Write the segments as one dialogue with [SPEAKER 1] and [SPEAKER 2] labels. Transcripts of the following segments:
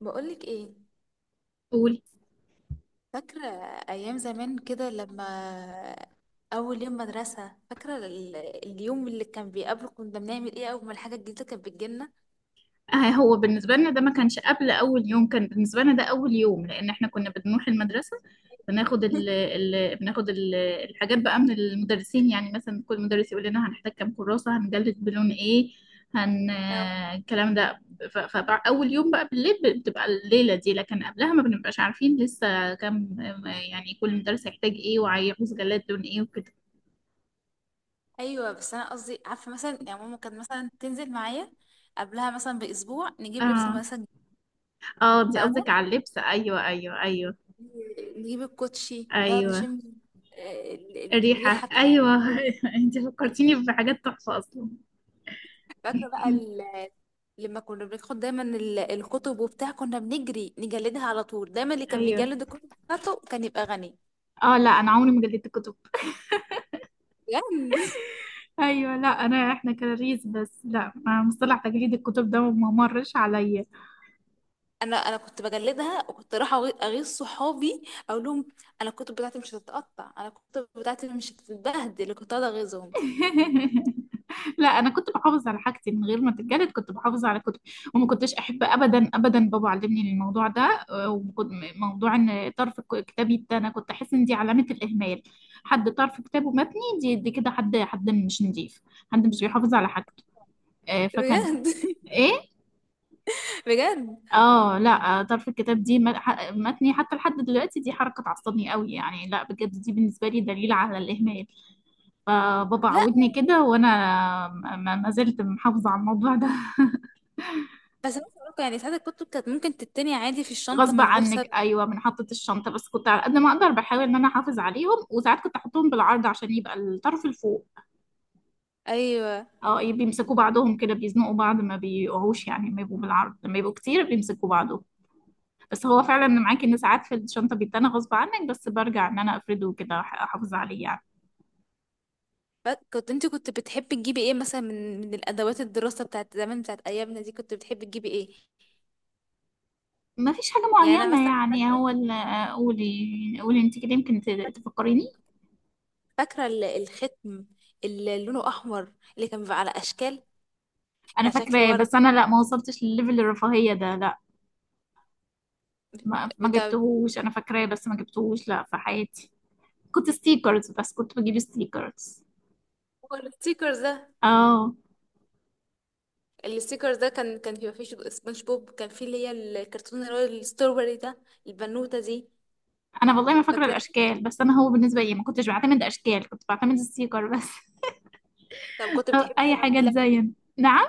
[SPEAKER 1] بقولك ايه؟
[SPEAKER 2] قول.
[SPEAKER 1] فاكرة ايام زمان كده لما اول يوم مدرسة، فاكرة اليوم اللي كان بيقابله، كنا بنعمل ايه اول ما الحاجة الجديدة كانت بتجيلنا؟
[SPEAKER 2] هو بالنسبة لنا ده ما كانش قبل أول يوم، كان بالنسبة لنا ده أول يوم، لأن إحنا كنا بنروح المدرسة بناخد ال ال بناخد ال الحاجات بقى من المدرسين. يعني مثلا كل مدرس يقول لنا هنحتاج كام كراسة، هنجلد بلون إيه، هن
[SPEAKER 1] أو.
[SPEAKER 2] آه، الكلام ده. فأول يوم بقى بالليل بتبقى الليلة دي، لكن قبلها ما بنبقاش عارفين لسه كام، يعني كل مدرس هيحتاج إيه وهيعوز جلاد لون إيه وكده.
[SPEAKER 1] ايوه، بس انا قصدي عارفة، مثلا يعني ماما كانت مثلا تنزل معايا قبلها مثلا باسبوع، نجيب لبس
[SPEAKER 2] آه،
[SPEAKER 1] المدرسة الجديد،
[SPEAKER 2] آه دي
[SPEAKER 1] فاهمة،
[SPEAKER 2] قصدك على اللبس. أيوه أيوه أيوه.
[SPEAKER 1] نجيب الكوتشي، نقعد
[SPEAKER 2] أيوه
[SPEAKER 1] نشم. آه، ال-
[SPEAKER 2] الريحة.
[SPEAKER 1] الريحة
[SPEAKER 2] أيوة. أنت فكرتيني بحاجات تحفة أصلا.
[SPEAKER 1] فاكرة بقى لما كنا بناخد دايما الكتب وبتاع، كنا بنجري نجلدها على طول. دايما اللي كان
[SPEAKER 2] أيوة.
[SPEAKER 1] بيجلد الكتب بتاعته كان يبقى غني.
[SPEAKER 2] اه، لا أنا عمري ما جلدت كتب.
[SPEAKER 1] بجد.
[SPEAKER 2] أيوة، لا أنا إحنا كراريس بس. لا، ما مصطلح تجليد الكتب ده ما مرش عليا.
[SPEAKER 1] انا كنت بجلدها، وكنت رايحه اغيظ صحابي، اقول لهم انا الكتب بتاعتي مش هتتقطع، انا الكتب بتاعتي مش هتتبهدل، كنت قاعده اغيظهم.
[SPEAKER 2] لا أنا كنت بحافظ على حاجتي من غير ما تتجلد، كنت بحافظ على كتب. وما كنتش أحب أبدا أبدا، بابا علمني الموضوع ده. آه، وكنت- موضوع إن طرف كتابي ده، أنا كنت أحس إن دي علامة الإهمال. حد طرف كتابه متني دي كده، حد مش نضيف، حد مش بيحافظ على حاجته. فكان
[SPEAKER 1] بجد.
[SPEAKER 2] ايه.
[SPEAKER 1] بجد.
[SPEAKER 2] اه، لا ظرف الكتاب دي متني حتى لحد دلوقتي، دي حركه تعصبني قوي يعني. لا بجد دي بالنسبه لي دليل على الاهمال. فبابا
[SPEAKER 1] لا،
[SPEAKER 2] عودني كده وانا ما زلت محافظه على الموضوع ده.
[SPEAKER 1] بس أنا بصراحة يعني ساعات الكتب كانت ممكن تتني عادي في الشنطه
[SPEAKER 2] غصب
[SPEAKER 1] من غير
[SPEAKER 2] عنك،
[SPEAKER 1] سبب.
[SPEAKER 2] ايوه، من حطة الشنطه. بس كنت على قد ما اقدر بحاول ان انا احافظ عليهم، وساعات كنت احطهم بالعرض عشان يبقى الطرف الفوق.
[SPEAKER 1] ايوه.
[SPEAKER 2] اه بيمسكوا بعضهم كده، بيزنقوا بعض ما بيقعوش، يعني لما يبقوا بالعرض، لما يبقوا كتير بيمسكوا بعضهم. بس هو فعلا انا معاكي ان ساعات في الشنطه بيتنا غصب عنك، بس برجع ان انا افرده كده احافظ عليه يعني.
[SPEAKER 1] كنت انت كنت بتحبي تجيبي ايه مثلا، من الادوات الدراسه بتاعت زمان بتاعت ايامنا دي، كنت بتحبي تجيبي ايه؟
[SPEAKER 2] ما فيش حاجه
[SPEAKER 1] يعني انا
[SPEAKER 2] معينه
[SPEAKER 1] مثلا
[SPEAKER 2] يعني، هو قولي. قولي انت كده يمكن تفكريني.
[SPEAKER 1] فاكرة الختم اللي لونه أحمر اللي كان بيبقى على أشكال،
[SPEAKER 2] انا
[SPEAKER 1] كان شكل
[SPEAKER 2] فاكراه،
[SPEAKER 1] ورد
[SPEAKER 2] بس انا لا ما وصلتش لليفل الرفاهيه ده، لا. ما
[SPEAKER 1] بتاع.
[SPEAKER 2] جبتهوش، انا فاكراه بس ما جبتهوش، لا في حياتي. كنت ستيكرز، بس كنت بجيب ستيكرز.
[SPEAKER 1] هو الستيكرز ده،
[SPEAKER 2] اه.
[SPEAKER 1] الستيكرز ده كان بيبقى فيه سبونج بوب، كان فيه اللي هي الكرتون اللي هو الستروبري ده، البنوتة دي.
[SPEAKER 2] انا والله ما فاكره
[SPEAKER 1] فاكراه.
[SPEAKER 2] الاشكال، بس انا هو بالنسبه لي ما كنتش بعتمد اشكال، كنت بعتمد ستيكر بس.
[SPEAKER 1] طب كنت
[SPEAKER 2] أو
[SPEAKER 1] بتحبي
[SPEAKER 2] اي
[SPEAKER 1] تلعبي
[SPEAKER 2] حاجه
[SPEAKER 1] لعب إيه؟
[SPEAKER 2] تزين. نعم.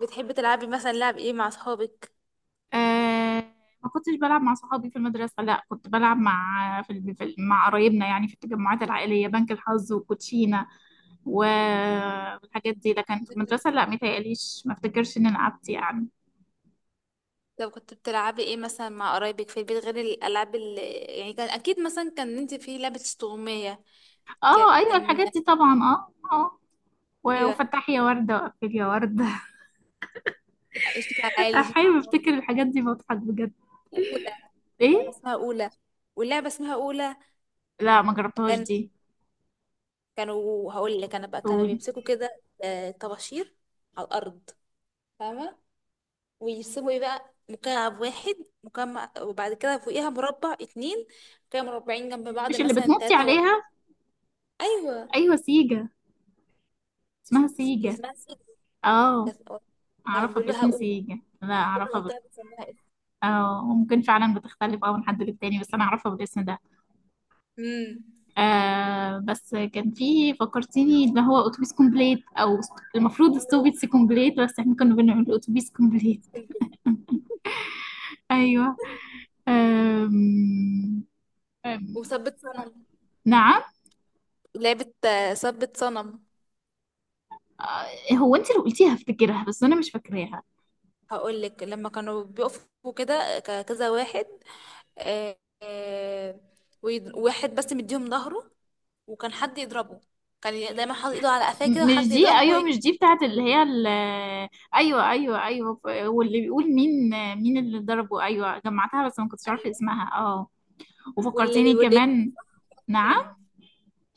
[SPEAKER 1] بتحبي تلعبي مثلا لعب ايه مع أصحابك؟
[SPEAKER 2] آه ما كنتش بلعب مع صحابي في المدرسة، لا، كنت بلعب مع مع قرايبنا، يعني في التجمعات العائلية، بنك الحظ وكوتشينة و- والحاجات دي. لكن في المدرسة لا، متهيأليش، ما افتكرش اني لعبت يعني.
[SPEAKER 1] طب كنت بتلعبي ايه مثلا مع قرايبك في البيت، غير الألعاب اللي، يعني كان أكيد مثلا، كان انت في لعبة استغماية
[SPEAKER 2] اه ايوه
[SPEAKER 1] كان.
[SPEAKER 2] الحاجات دي طبعا. اه اه.
[SPEAKER 1] أيوة.
[SPEAKER 2] وفتح يا وردة وقفل يا وردة.
[SPEAKER 1] اشتكي على العيال، اشتكي
[SPEAKER 2] احيانا
[SPEAKER 1] على
[SPEAKER 2] بفتكر الحاجات دي بضحك بجد.
[SPEAKER 1] اولى، اللعبه
[SPEAKER 2] ايه؟
[SPEAKER 1] اسمها اولى، واللعبه اسمها اولى.
[SPEAKER 2] لا ما جربتهاش
[SPEAKER 1] كان
[SPEAKER 2] دي.
[SPEAKER 1] كانوا هقول لك انا بقى، كانوا
[SPEAKER 2] قولي.
[SPEAKER 1] بيمسكوا كده، طباشير على الارض، فاهمه، ويرسموا ايه بقى، مكعب واحد، مكعب، وبعد كده فوقيها مربع اتنين، كانوا مربعين جنب بعض،
[SPEAKER 2] مش اللي
[SPEAKER 1] مثلا
[SPEAKER 2] بتنطي
[SPEAKER 1] تلاتة واربعة.
[SPEAKER 2] عليها؟
[SPEAKER 1] ايوه.
[SPEAKER 2] ايوه سيجا،
[SPEAKER 1] اس-
[SPEAKER 2] اسمها سيجا.
[SPEAKER 1] اسمها سيف.
[SPEAKER 2] اه
[SPEAKER 1] كانت. كانوا
[SPEAKER 2] اعرفها
[SPEAKER 1] بيقولوا لها
[SPEAKER 2] باسم
[SPEAKER 1] اولى،
[SPEAKER 2] سيجا، لا
[SPEAKER 1] كل
[SPEAKER 2] اعرفها.
[SPEAKER 1] منطقه بتسميها اسم.
[SPEAKER 2] اه ممكن فعلا بتختلف، اه من حد للتاني، بس انا اعرفها بالاسم ده.
[SPEAKER 1] امم
[SPEAKER 2] آه بس كان في، فكرتيني، اللي هو اتوبيس كومبليت او المفروض السوفيتس كومبليت، بس احنا كنا بنعمل اتوبيس كومبليت. ايوه. آم آم
[SPEAKER 1] وثبت صنم،
[SPEAKER 2] نعم.
[SPEAKER 1] لعبه، ثبت صنم.
[SPEAKER 2] هو انت اللي قلتيها افتكرها بس انا مش فاكراها.
[SPEAKER 1] هقول لك، لما كانوا بيقفوا كده كذا واحد، آه، آه، واحد بس مديهم ظهره، وكان حد يضربه، كان دايما حاطط ايده على قفاه كده،
[SPEAKER 2] مش
[SPEAKER 1] وحد
[SPEAKER 2] دي.
[SPEAKER 1] يضربه
[SPEAKER 2] ايوه مش دي بتاعت اللي هي ايوه ايوه ايوه. واللي بيقول مين، مين اللي ضربه. ايوه جمعتها بس ما كنتش عارفه
[SPEAKER 1] ايوه.
[SPEAKER 2] اسمها. اه.
[SPEAKER 1] واللي
[SPEAKER 2] وفكرتيني
[SPEAKER 1] واللي يجيبه
[SPEAKER 2] كمان.
[SPEAKER 1] في
[SPEAKER 2] نعم.
[SPEAKER 1] مكانه،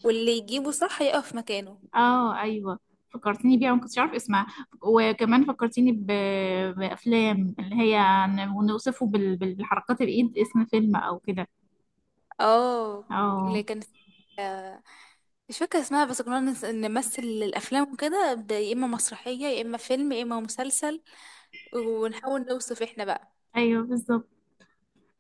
[SPEAKER 1] واللي يجيبه صح يقف في مكانه.
[SPEAKER 2] اه ايوه فكرتيني بيها، ما كنتش عارف اسمها. وكمان فكرتيني بافلام، اللي هي ونوصفه بالحركات، الايد اسم فيلم او كده.
[SPEAKER 1] اه.
[SPEAKER 2] اه.
[SPEAKER 1] اللي كان، آه، مش فاكرة اسمها، بس كنا نمثل الأفلام وكده، يا إما مسرحية يا إما فيلم يا إما مسلسل، ونحاول نوصف احنا بقى.
[SPEAKER 2] ايوه بالظبط.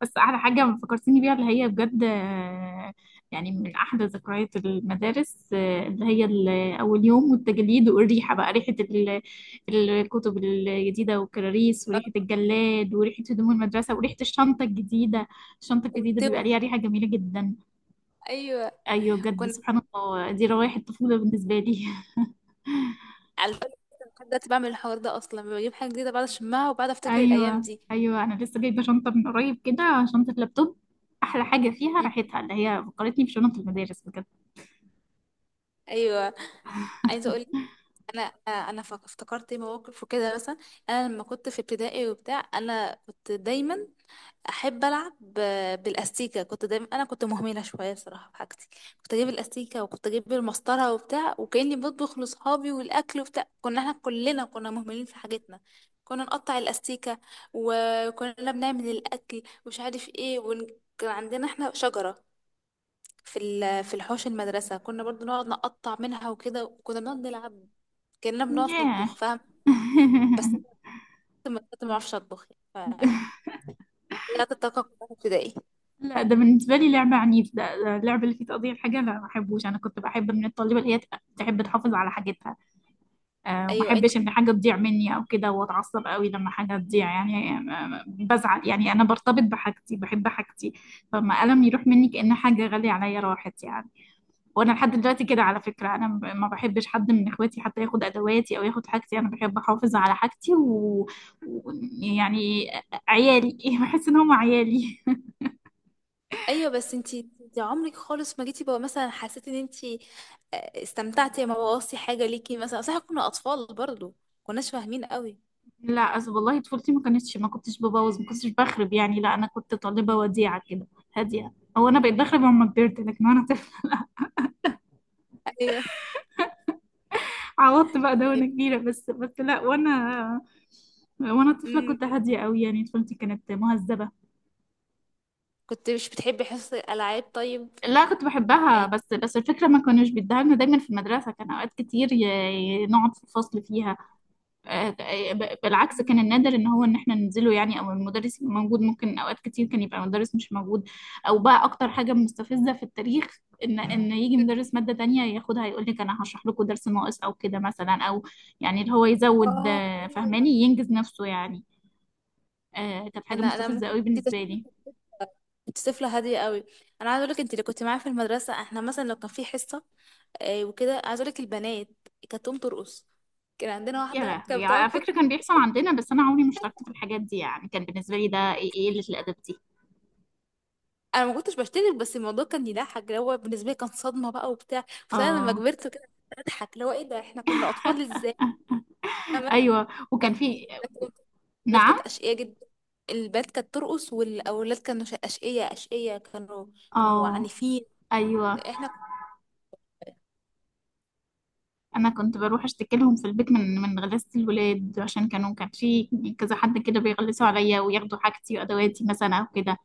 [SPEAKER 2] بس احلى حاجه فكرتيني بيها اللي هي بجد، يعني من احلى ذكريات المدارس، اللي هي اول يوم، والتجليد، والريحه بقى، ريحه الكتب الجديده، والكراريس،
[SPEAKER 1] آه،
[SPEAKER 2] وريحه الجلاد، وريحه هدوم المدرسه، وريحه الشنطه الجديده. الشنطه الجديده
[SPEAKER 1] والتوأ.
[SPEAKER 2] بيبقى ليها ريحه جميله جدا.
[SPEAKER 1] أيوة.
[SPEAKER 2] ايوه بجد،
[SPEAKER 1] وكنا
[SPEAKER 2] سبحان الله، دي روايح الطفوله بالنسبه لي.
[SPEAKER 1] على فكرة لحد دلوقتي بعمل الحوار ده، اصلا بجيب حاجه جديده بعد اشمها، وبعد افتكر الايام
[SPEAKER 2] ايوه
[SPEAKER 1] دي.
[SPEAKER 2] ايوه، انا لسه جايبه شنطه من قريب كده، شنطه لابتوب. احلى حاجه فيها
[SPEAKER 1] مم.
[SPEAKER 2] راحتها، اللي هي فكرتني بشنط المدارس بجد.
[SPEAKER 1] ايوه. عايزه اقول لك، انا انا افتكرت إيه مواقف وكده. مثلا انا لما كنت في ابتدائي وبتاع، انا كنت دايما احب العب بالاستيكه. كنت دايما، انا كنت مهمله شويه بصراحه في حاجتي، كنت اجيب الاستيكه، وكنت اجيب المسطره وبتاع، وكاني بطبخ لاصحابي والاكل وبتاع. كنا احنا كلنا كنا مهملين في حاجتنا، كنا نقطع الاستيكه، وكنا بنعمل الاكل، ومش عارف ايه ون... كان عندنا احنا شجره في ال... في الحوش المدرسه، كنا برضو نقعد نقطع منها وكده، وكنا بنقعد نلعب كاننا بنقف
[SPEAKER 2] ياه.
[SPEAKER 1] نطبخ، فاهم؟ بس انا كنت ما كنت ما بعرفش اطبخ يعني. ف طلعت الطاقه كلها في ابتدائي.
[SPEAKER 2] لا ده بالنسبه لي لعبه عنيف، ده اللعبه اللي فيه تقضية الحاجه، لا ما بحبوش. انا كنت بحب من الطالبه اللي هي تحب تحافظ على حاجتها. وما
[SPEAKER 1] ايوه انت.
[SPEAKER 2] احبش ان حاجه تضيع مني او كده، واتعصب قوي لما حاجه تضيع يعني، بزعل يعني. انا برتبط بحاجتي، بحب حاجتي. فما قلم يروح مني كأن حاجه غاليه عليا راحت يعني. وانا لحد دلوقتي كده على فكره، انا ما بحبش حد من اخواتي حتى ياخد ادواتي او ياخد حاجتي. انا بحب احافظ على حاجتي و... يعني عيالي. بحس ان هم عيالي.
[SPEAKER 1] ايوه، بس انتي عمرك خالص ما جيتي بقى، مثلا حسيتي ان انتي، استمتعتي لما بوظتي حاجه ليكي مثلا؟ صح كنا اطفال برضو، كناش فاهمين قوي.
[SPEAKER 2] لا أصل والله طفولتي ما كانتش، ما كنتش ببوظ، ما كنتش بخرب يعني، لا. انا كنت طالبه وديعه كده، هاديه. هو انا بقيت بخرب لما كبرت، لكن وانا
[SPEAKER 1] ايوه.
[SPEAKER 2] عوضت بقى ده وانا
[SPEAKER 1] طيب.
[SPEAKER 2] كبيرة. بس لا. وانا طفلة
[SPEAKER 1] مم.
[SPEAKER 2] كنت هادية قوي، يعني طفولتي كانت مهذبة.
[SPEAKER 1] كنت مش بتحبي حصص الالعاب طيب؟
[SPEAKER 2] لا كنت بحبها،
[SPEAKER 1] يعني.
[SPEAKER 2] بس الفكرة ما كانوش بيديها لنا دايما في المدرسة، كان اوقات كتير نقعد في الفصل فيها آه، بالعكس، كان
[SPEAKER 1] مم.
[SPEAKER 2] النادر ان هو ان احنا ننزله يعني، او المدرس يبقى موجود، ممكن اوقات كتير كان يبقى مدرس مش موجود، او بقى اكتر حاجه مستفزه في التاريخ، ان يجي مدرس ماده تانية ياخدها، يقول لك انا هشرح لكم درس ناقص او كده مثلا، او يعني اللي هو يزود،
[SPEAKER 1] اه ايوه.
[SPEAKER 2] فهماني ينجز نفسه يعني. كانت حاجه
[SPEAKER 1] انا انا
[SPEAKER 2] مستفزه
[SPEAKER 1] ممكن
[SPEAKER 2] قوي
[SPEAKER 1] انت
[SPEAKER 2] بالنسبه لي.
[SPEAKER 1] كنت طفله هاديه قوي. انا عايزه اقول لك، انت اللي كنت معايا في المدرسه، احنا مثلا لو كان في حصه وكده، عايزه اقول لك، البنات كانت تقوم ترقص، كان عندنا
[SPEAKER 2] يا
[SPEAKER 1] واحده كانت
[SPEAKER 2] لهوي، على
[SPEAKER 1] بتقعد.
[SPEAKER 2] فكره كان بيحصل عندنا، بس انا عمري ما اشتركت في الحاجات دي، يعني كان بالنسبه لي ده ايه، إيه قله الادب دي.
[SPEAKER 1] انا ما كنتش بشترك، بس الموضوع كان يضحك، اللي هو بالنسبه لي كان صدمه بقى وبتاع، بس انا لما
[SPEAKER 2] اه
[SPEAKER 1] كبرت كده اضحك، اللي هو ايه ده، احنا كنا اطفال ازاي؟ فاهمة؟
[SPEAKER 2] ايوه وكان
[SPEAKER 1] كانت
[SPEAKER 2] في.
[SPEAKER 1] الولاد كانت
[SPEAKER 2] نعم.
[SPEAKER 1] اشقيه جدا. البنات كانت ترقص والاولاد كانوا اشقيه اشقيه كانوا، كانوا
[SPEAKER 2] اه
[SPEAKER 1] عنيفين.
[SPEAKER 2] ايوه،
[SPEAKER 1] احنا.
[SPEAKER 2] انا كنت بروح اشتكي لهم في البيت من من غلاسة الولاد، عشان كانوا كان في كذا حد كده بيغلسوا عليا وياخدوا حاجتي وادواتي مثلا او كده.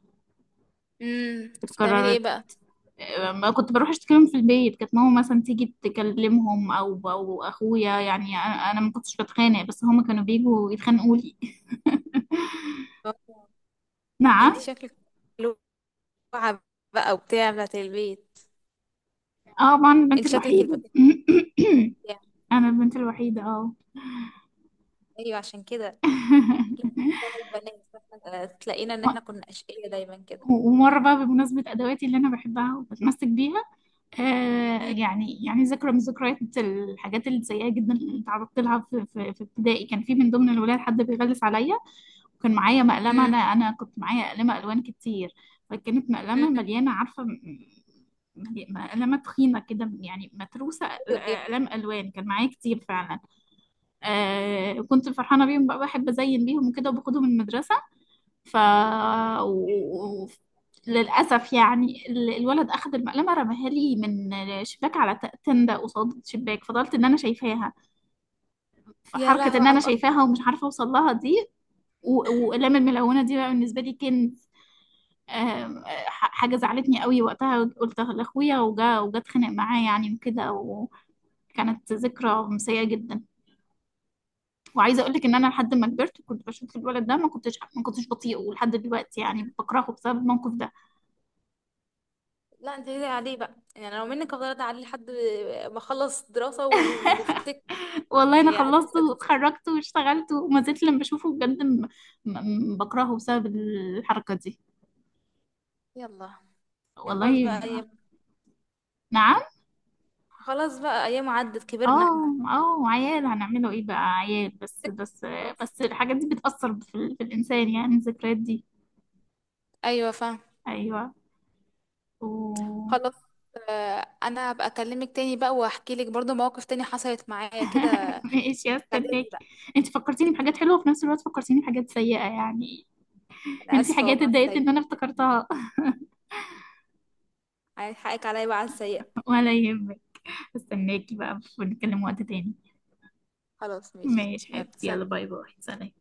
[SPEAKER 1] بتعملي ايه
[SPEAKER 2] اتكررت.
[SPEAKER 1] بقى؟
[SPEAKER 2] ما كنت بروح اشتكي لهم في البيت، كانت ماما مثلا تيجي تكلمهم او او اخويا. يعني انا ما كنتش بتخانق، بس هما كانوا بيجوا يتخانقوا لي.
[SPEAKER 1] آه.
[SPEAKER 2] نعم.
[SPEAKER 1] انتي شكلك لوعه بقى وبتاع بتاعت البيت.
[SPEAKER 2] اه ما انا البنت
[SPEAKER 1] انت شكلك
[SPEAKER 2] الوحيدة.
[SPEAKER 1] البنات وبتاع.
[SPEAKER 2] انا البنت الوحيدة اه.
[SPEAKER 1] ايوه، عشان كده. لا، بتاع البنات، تلاقينا ان احنا كنا اشقيه دايما كده.
[SPEAKER 2] ومرة بقى بمناسبة ادواتي اللي انا بحبها وبتمسك بيها، يعني ذكرى من ذكريات الحاجات السيئة جدا اللي تعرضت لها في ابتدائي. كان في من ضمن الولاد حد بيغلس عليا، وكان معايا مقلمة.
[SPEAKER 1] مم.
[SPEAKER 2] أنا كنت معايا مقلمة ألوان كتير. فكانت مقلمة
[SPEAKER 1] مم.
[SPEAKER 2] مليانة، عارفة مقلمة تخينة كده يعني، متروسة
[SPEAKER 1] ايوه. ايوه.
[SPEAKER 2] أقلام ألوان، كان معايا كتير فعلا. كنت فرحانة بيهم بقى، بحب أزين بيهم وكده، وباخدهم المدرسة. ف و... و- للأسف يعني الولد أخذ المقلمة، رماها لي من شباك على تندة قصاد شباك، فضلت إن أنا شايفاها.
[SPEAKER 1] يا
[SPEAKER 2] فحركة
[SPEAKER 1] لهوي
[SPEAKER 2] إن
[SPEAKER 1] على
[SPEAKER 2] أنا
[SPEAKER 1] القهر.
[SPEAKER 2] شايفاها ومش عارفة أوصل لها دي، وأقلام الملونة دي، بقى بالنسبة لي كان حاجة زعلتني قوي وقتها. قلت لأخويا وجا، وجا اتخانق معاه يعني وكده، وكانت ذكرى سيئة جدا. وعايزة أقول لك إن أنا لحد ما كبرت كنت بشوف الولد ده، ما كنتش بطيئه ولحد دلوقتي، يعني بكرهه بسبب الموقف ده.
[SPEAKER 1] لا، انت كده عليه بقى، يعني لو منك افضل عليه لحد ما اخلص دراسة وافتك.
[SPEAKER 2] والله انا
[SPEAKER 1] يعني ادرس
[SPEAKER 2] خلصته
[SPEAKER 1] ادرس.
[SPEAKER 2] واتخرجت واشتغلت وما زلت لما بشوفه بجد، بكرهه بسبب الحركة دي.
[SPEAKER 1] يلا. يا خلاص
[SPEAKER 2] والله.
[SPEAKER 1] بقى ايام،
[SPEAKER 2] نعم.
[SPEAKER 1] خلاص بقى ايام عدت، كبرنا احنا.
[SPEAKER 2] اه اه. عيال هنعمله ايه بقى؟ عيال. بس بس
[SPEAKER 1] خلاص.
[SPEAKER 2] بس الحاجات دي بتأثر في الإنسان يعني الذكريات دي.
[SPEAKER 1] ايوه. فاهم.
[SPEAKER 2] ايوه. و...
[SPEAKER 1] خلاص. انا هبقى اكلمك تاني بقى، واحكي لك برضو مواقف تاني حصلت معايا كده.
[SPEAKER 2] ماشي
[SPEAKER 1] خليجي
[SPEAKER 2] هستناكي.
[SPEAKER 1] بقى.
[SPEAKER 2] انت فكرتيني بحاجات حلوة وفي نفس الوقت فكرتيني بحاجات سيئة، يعني
[SPEAKER 1] انا
[SPEAKER 2] يعني في
[SPEAKER 1] اسفه
[SPEAKER 2] حاجات
[SPEAKER 1] والله على
[SPEAKER 2] اتضايقت ان
[SPEAKER 1] السيئه.
[SPEAKER 2] انا افتكرتها.
[SPEAKER 1] هحقك عليا بقى على السيئه.
[SPEAKER 2] ولا يهمك. استناكي بقى ونتكلم وقت تاني.
[SPEAKER 1] خلاص ماشي،
[SPEAKER 2] ماشي
[SPEAKER 1] يلا
[SPEAKER 2] حبيبتي يلا،
[SPEAKER 1] سلام.
[SPEAKER 2] باي باي، سلام.